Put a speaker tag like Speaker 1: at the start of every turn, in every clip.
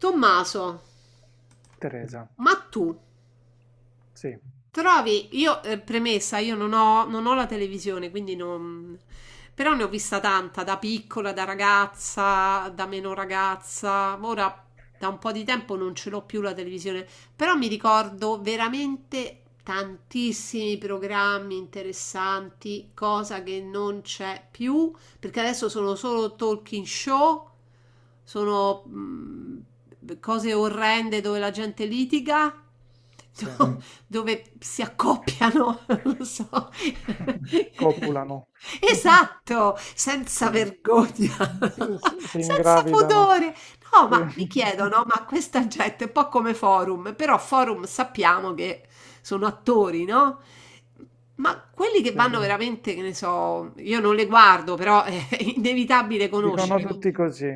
Speaker 1: Tommaso,
Speaker 2: Teresa,
Speaker 1: ma tu
Speaker 2: sì,
Speaker 1: trovi, io premessa, io non ho la televisione, quindi non... Però ne ho vista tanta, da piccola, da ragazza, da meno ragazza. Ora da un po' di tempo non ce l'ho più la televisione, però mi ricordo veramente tantissimi programmi interessanti, cosa che non c'è più, perché adesso sono solo talking show, sono cose orrende dove la gente litiga. Mm.
Speaker 2: sì,
Speaker 1: No, dove si accoppiano, non lo so.
Speaker 2: copulano,
Speaker 1: Esatto, senza
Speaker 2: sì,
Speaker 1: vergogna,
Speaker 2: s s si
Speaker 1: senza
Speaker 2: ingravidano,
Speaker 1: pudore. No,
Speaker 2: sì,
Speaker 1: ma mi chiedono, no, ma questa gente è un po' come Forum, però Forum sappiamo che sono attori, no? Ma quelli che
Speaker 2: sì,
Speaker 1: vanno veramente, che ne so, io non le guardo, però è inevitabile
Speaker 2: dicono
Speaker 1: conoscere.
Speaker 2: tutti così,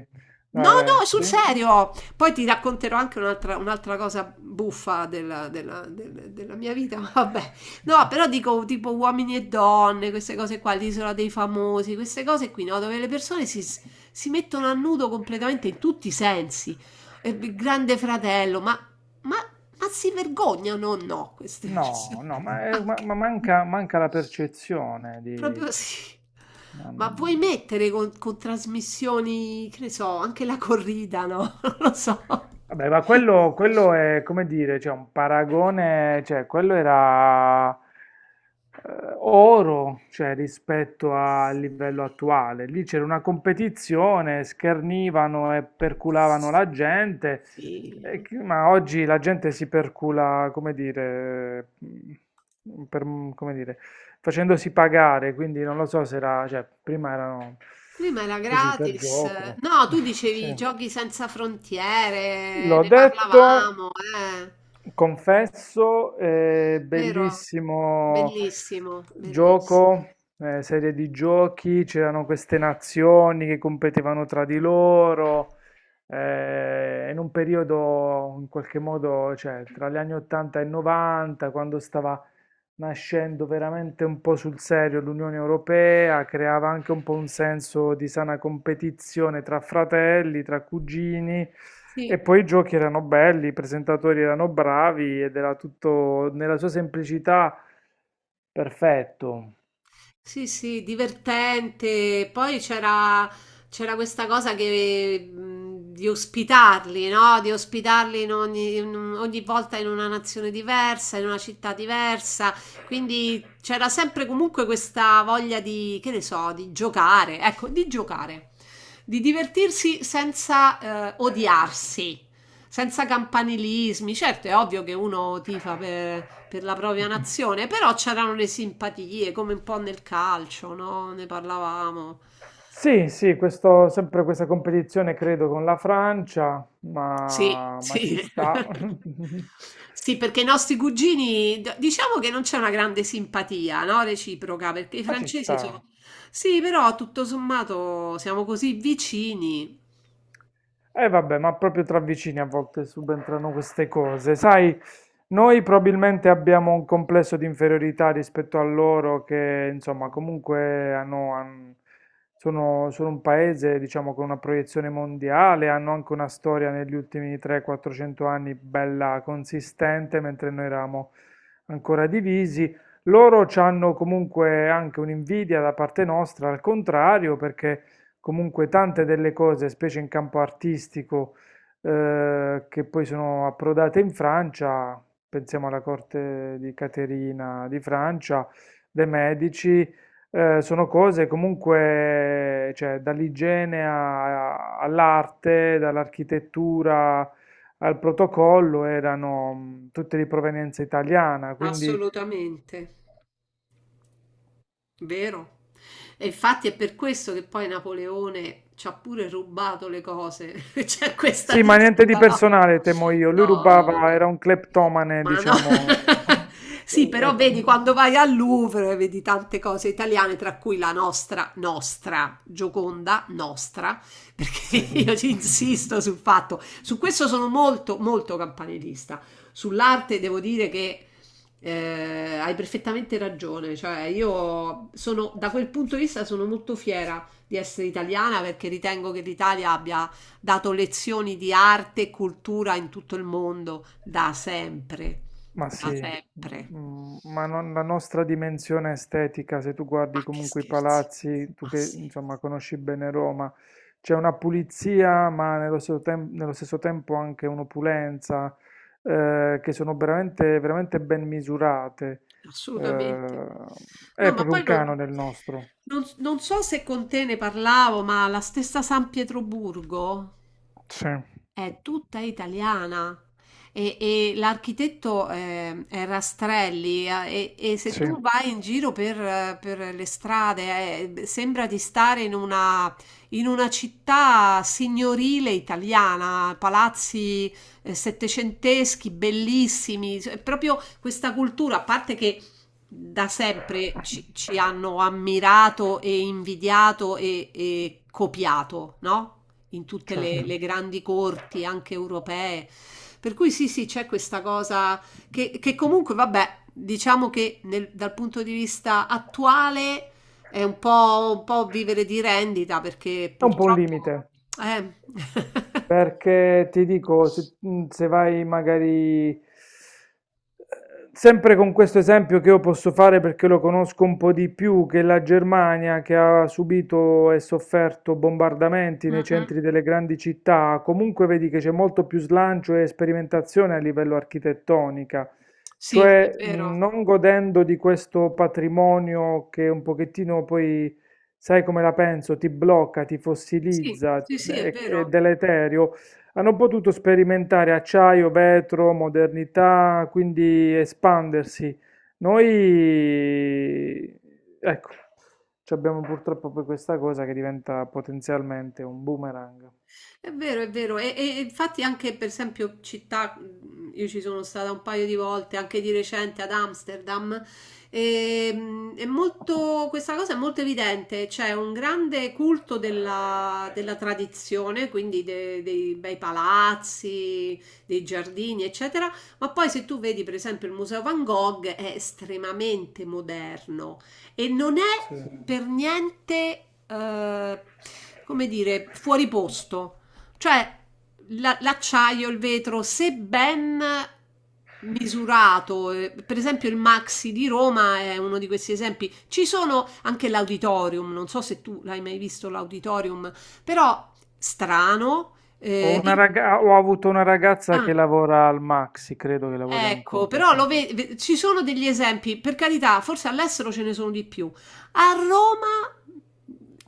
Speaker 1: No,
Speaker 2: dai, dai,
Speaker 1: no, sul
Speaker 2: sì?
Speaker 1: serio. Poi ti racconterò anche un'altra cosa buffa della mia vita. Ma vabbè, no, però dico tipo uomini e donne, queste cose qua, l'isola dei famosi, queste cose qui, no? Dove le persone si mettono a nudo completamente in tutti i sensi. E il Grande fratello, ma, ma si vergognano o no queste
Speaker 2: No,
Speaker 1: persone?
Speaker 2: no, ma, è- ma- ma manca la percezione
Speaker 1: Proprio sì. Ma vuoi
Speaker 2: di.
Speaker 1: mettere con trasmissioni, che ne so, anche la corrida, no? Non lo so.
Speaker 2: Vabbè, ma quello è come dire, cioè un paragone, cioè quello era oro, cioè rispetto al livello attuale. Lì c'era una competizione, schernivano e perculavano la gente,
Speaker 1: Sì.
Speaker 2: ma oggi la gente si percula, come dire, come dire, facendosi pagare, quindi non lo so se era, cioè prima erano
Speaker 1: Prima era
Speaker 2: così per
Speaker 1: gratis.
Speaker 2: gioco.
Speaker 1: No, tu
Speaker 2: Sì.
Speaker 1: dicevi giochi senza frontiere,
Speaker 2: L'ho
Speaker 1: ne
Speaker 2: detto.
Speaker 1: parlavamo, eh.
Speaker 2: Confesso,
Speaker 1: Vero?
Speaker 2: bellissimo
Speaker 1: Bellissimo, bellissimo.
Speaker 2: gioco, serie di giochi, c'erano queste nazioni che competevano tra di loro, in un periodo in qualche modo, cioè tra gli anni 80 e 90, quando stava nascendo veramente un po' sul serio l'Unione Europea, creava anche un po' un senso di sana competizione tra fratelli, tra cugini e
Speaker 1: Sì.
Speaker 2: poi i giochi erano belli, i presentatori erano bravi ed era tutto nella sua semplicità perfetto.
Speaker 1: Sì, sì, divertente. Poi c'era questa cosa che, di ospitarli, no? Di ospitarli in ogni, in un- ogni volta in una nazione diversa, in una città diversa. Quindi c'era sempre comunque questa voglia di, che ne so, di giocare, ecco, di giocare, di divertirsi senza odiarsi senza campanilismi. Certo, è ovvio che uno tifa per la propria nazione, però c'erano le simpatie, come un po' nel calcio, no? Ne parlavamo.
Speaker 2: Sì, sì, questo, sempre questa competizione credo con la Francia,
Speaker 1: Sì,
Speaker 2: ma ci
Speaker 1: sì.
Speaker 2: sta.
Speaker 1: Sì, perché i nostri cugini, diciamo che non c'è una grande simpatia, no? Reciproca, perché i
Speaker 2: Ma ci
Speaker 1: francesi sono...
Speaker 2: sta.
Speaker 1: Sì, però tutto sommato siamo così vicini.
Speaker 2: E vabbè, ma proprio tra vicini a volte subentrano queste cose. Sai, noi probabilmente abbiamo un complesso di inferiorità rispetto a loro che, insomma, comunque sono un paese, diciamo, con una proiezione mondiale, hanno anche una storia negli ultimi 300-400 anni bella consistente, mentre noi eravamo ancora divisi. Loro hanno comunque anche un'invidia da parte nostra, al contrario, perché. Comunque tante delle cose, specie in campo artistico, che poi sono approdate in Francia, pensiamo alla corte di Caterina di Francia, dei Medici, sono cose comunque, cioè, dall'igiene all'arte, dall'architettura al protocollo, erano tutte di provenienza italiana, quindi.
Speaker 1: Assolutamente. Vero. E infatti è per questo che poi Napoleone ci ha pure rubato le cose. C'è questa
Speaker 2: Sì, ma niente di
Speaker 1: disputa, no?
Speaker 2: personale, temo io. Lui
Speaker 1: No, no,
Speaker 2: rubava,
Speaker 1: vabbè.
Speaker 2: era un cleptomane,
Speaker 1: Ma no.
Speaker 2: diciamo.
Speaker 1: Sì, però vedi quando vai al Louvre vedi tante cose italiane, tra cui la nostra, nostra Gioconda, nostra, perché
Speaker 2: Sì.
Speaker 1: io ci insisto sul fatto, su questo sono molto, molto campanilista. Sull'arte devo dire che hai perfettamente ragione, cioè io sono, da quel punto di vista sono molto fiera di essere italiana perché ritengo che l'Italia abbia dato lezioni di arte e cultura in tutto il mondo da sempre,
Speaker 2: Ma sì,
Speaker 1: da sempre.
Speaker 2: la nostra dimensione estetica, se tu
Speaker 1: Ma
Speaker 2: guardi
Speaker 1: che
Speaker 2: comunque i
Speaker 1: scherzi.
Speaker 2: palazzi, tu
Speaker 1: Ma
Speaker 2: che
Speaker 1: sì.
Speaker 2: insomma conosci bene Roma, c'è una pulizia, ma nello stesso tempo anche un'opulenza, che sono veramente, veramente ben misurate.
Speaker 1: Assolutamente.
Speaker 2: Eh,
Speaker 1: No,
Speaker 2: è
Speaker 1: ma
Speaker 2: proprio un
Speaker 1: poi
Speaker 2: canone il nostro.
Speaker 1: non so se con te ne parlavo, ma la stessa San Pietroburgo.
Speaker 2: Sì,
Speaker 1: È tutta italiana, e l'architetto, è Rastrelli, e se
Speaker 2: sì,
Speaker 1: tu vai in giro per le strade, sembra di stare in una città signorile italiana, palazzi settecenteschi bellissimi, cioè, è proprio questa cultura, a parte che da sempre ci hanno ammirato e invidiato e copiato, no? In tutte le,
Speaker 2: certo.
Speaker 1: le grandi corti, anche europee. Per cui sì, sì, c'è questa cosa che comunque, vabbè, diciamo che dal punto di vista attuale è un po' vivere di rendita perché
Speaker 2: È un po' un
Speaker 1: purtroppo...
Speaker 2: limite,
Speaker 1: Eh.
Speaker 2: perché ti dico, se vai magari, sempre con questo esempio che io posso fare perché lo conosco un po' di più, che la Germania che ha subito e sofferto bombardamenti
Speaker 1: Mm,
Speaker 2: nei
Speaker 1: mm.
Speaker 2: centri delle grandi città, comunque vedi che c'è molto più slancio e sperimentazione a livello architettonica,
Speaker 1: Sì, è
Speaker 2: cioè
Speaker 1: vero.
Speaker 2: non godendo di questo patrimonio che un pochettino poi sai come la penso, ti blocca, ti
Speaker 1: Sì,
Speaker 2: fossilizza,
Speaker 1: sì, sì, è
Speaker 2: è
Speaker 1: vero.
Speaker 2: deleterio. Hanno potuto sperimentare acciaio, vetro, modernità, quindi espandersi. Noi, ecco, ci abbiamo purtroppo poi questa cosa che diventa potenzialmente un boomerang.
Speaker 1: È vero, è vero, e infatti anche per esempio città, io ci sono stata un paio di volte, anche di recente ad Amsterdam, e, è molto, questa cosa è molto evidente, c'è un grande culto della tradizione, quindi dei bei palazzi, dei giardini, eccetera, ma poi se tu vedi per esempio il Museo Van Gogh è estremamente moderno e non
Speaker 2: Sì.
Speaker 1: è, sì, per niente, come dire, fuori posto. Cioè, l'acciaio, il vetro, se ben misurato, per esempio il Maxi di Roma è uno di questi esempi. Ci sono anche l'auditorium, non so se tu l'hai mai visto l'auditorium, però strano.
Speaker 2: Ho
Speaker 1: eh, il-
Speaker 2: ho avuto una ragazza che lavora al Maxi, credo che lavori
Speaker 1: Ecco,
Speaker 2: ancora,
Speaker 1: però
Speaker 2: sì.
Speaker 1: ci sono degli esempi, per carità, forse all'estero ce ne sono di più. A Roma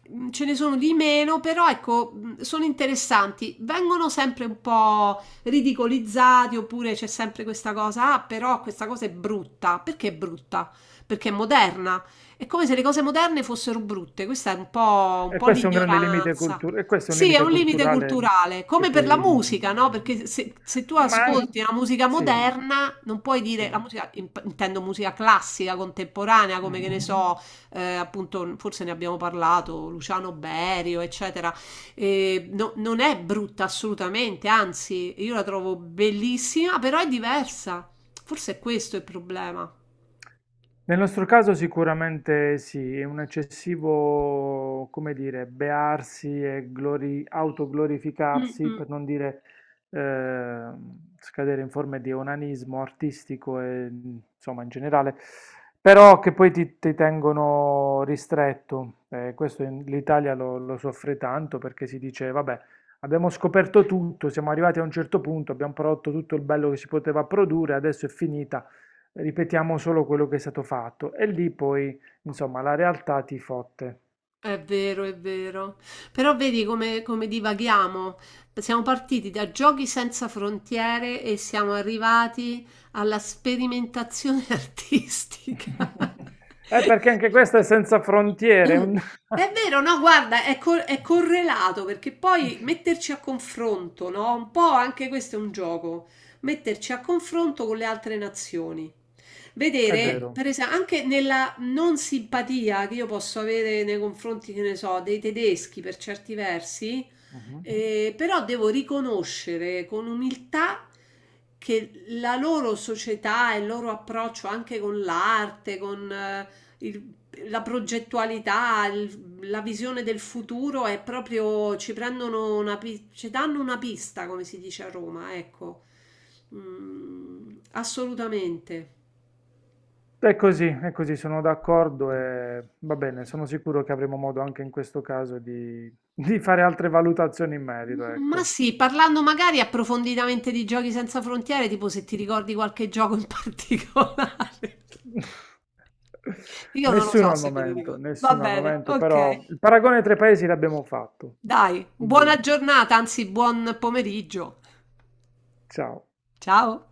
Speaker 1: ce ne sono di meno, però ecco, sono interessanti. Vengono sempre un po' ridicolizzati, oppure c'è sempre questa cosa, ah, però questa cosa è brutta. Perché è brutta? Perché è moderna. È come se le cose moderne fossero brutte. Questa è un po', un
Speaker 2: E
Speaker 1: po'
Speaker 2: questo è un grande limite
Speaker 1: l'ignoranza.
Speaker 2: culturale, e questo è un
Speaker 1: Sì, è
Speaker 2: limite
Speaker 1: un limite
Speaker 2: culturale
Speaker 1: culturale,
Speaker 2: che
Speaker 1: come per la
Speaker 2: poi.
Speaker 1: musica, no?
Speaker 2: Sì.
Speaker 1: Perché se tu
Speaker 2: Ma an
Speaker 1: ascolti la musica
Speaker 2: sì,
Speaker 1: moderna, non puoi dire la
Speaker 2: sì.
Speaker 1: musica, intendo musica classica, contemporanea, come che ne
Speaker 2: Mh-mh.
Speaker 1: so, appunto, forse ne abbiamo parlato, Luciano Berio, eccetera. Non è brutta assolutamente, anzi, io la trovo bellissima, però è diversa. Forse è questo il problema.
Speaker 2: Nel nostro caso sicuramente sì, è un eccessivo, come dire, bearsi e autoglorificarsi, per non dire eh, scadere in forme di onanismo artistico e insomma in generale, però che poi ti tengono ristretto. l'Italia lo soffre tanto perché si dice, vabbè, abbiamo scoperto tutto, siamo arrivati a un certo punto, abbiamo prodotto tutto il bello che si poteva produrre, adesso è finita. Ripetiamo solo quello che è stato fatto e lì poi, insomma, la realtà ti fotte.
Speaker 1: È vero, è vero. Però vedi come divaghiamo. Siamo partiti da giochi senza frontiere e siamo arrivati alla sperimentazione artistica.
Speaker 2: Perché anche questo è senza frontiere.
Speaker 1: È vero, no, guarda, è correlato perché poi metterci a confronto, no? Un po' anche questo è un gioco, metterci a confronto con le altre nazioni.
Speaker 2: È
Speaker 1: Vedere, per
Speaker 2: vero.
Speaker 1: esempio, anche nella non simpatia che io posso avere nei confronti, che ne so, dei tedeschi per certi versi,
Speaker 2: Mhm.
Speaker 1: però devo riconoscere con umiltà che la loro società e il loro approccio anche con l'arte, con... il- la progettualità, la visione del futuro è proprio, ci danno una pista, come si dice a Roma, ecco. Mm, assolutamente.
Speaker 2: È così, sono d'accordo e va bene, sono sicuro che avremo modo anche in questo caso di fare altre valutazioni in merito,
Speaker 1: Ma
Speaker 2: ecco.
Speaker 1: sì, parlando magari approfonditamente di giochi senza frontiere, tipo se ti ricordi qualche gioco in particolare. Io non lo
Speaker 2: Nessuno
Speaker 1: so
Speaker 2: al
Speaker 1: se me li
Speaker 2: momento,
Speaker 1: ricordo. Va
Speaker 2: nessuno al
Speaker 1: bene,
Speaker 2: momento,
Speaker 1: ok.
Speaker 2: però il paragone tra i paesi l'abbiamo fatto.
Speaker 1: Dai,
Speaker 2: Quindi,
Speaker 1: buona giornata, anzi buon pomeriggio.
Speaker 2: ciao.
Speaker 1: Ciao.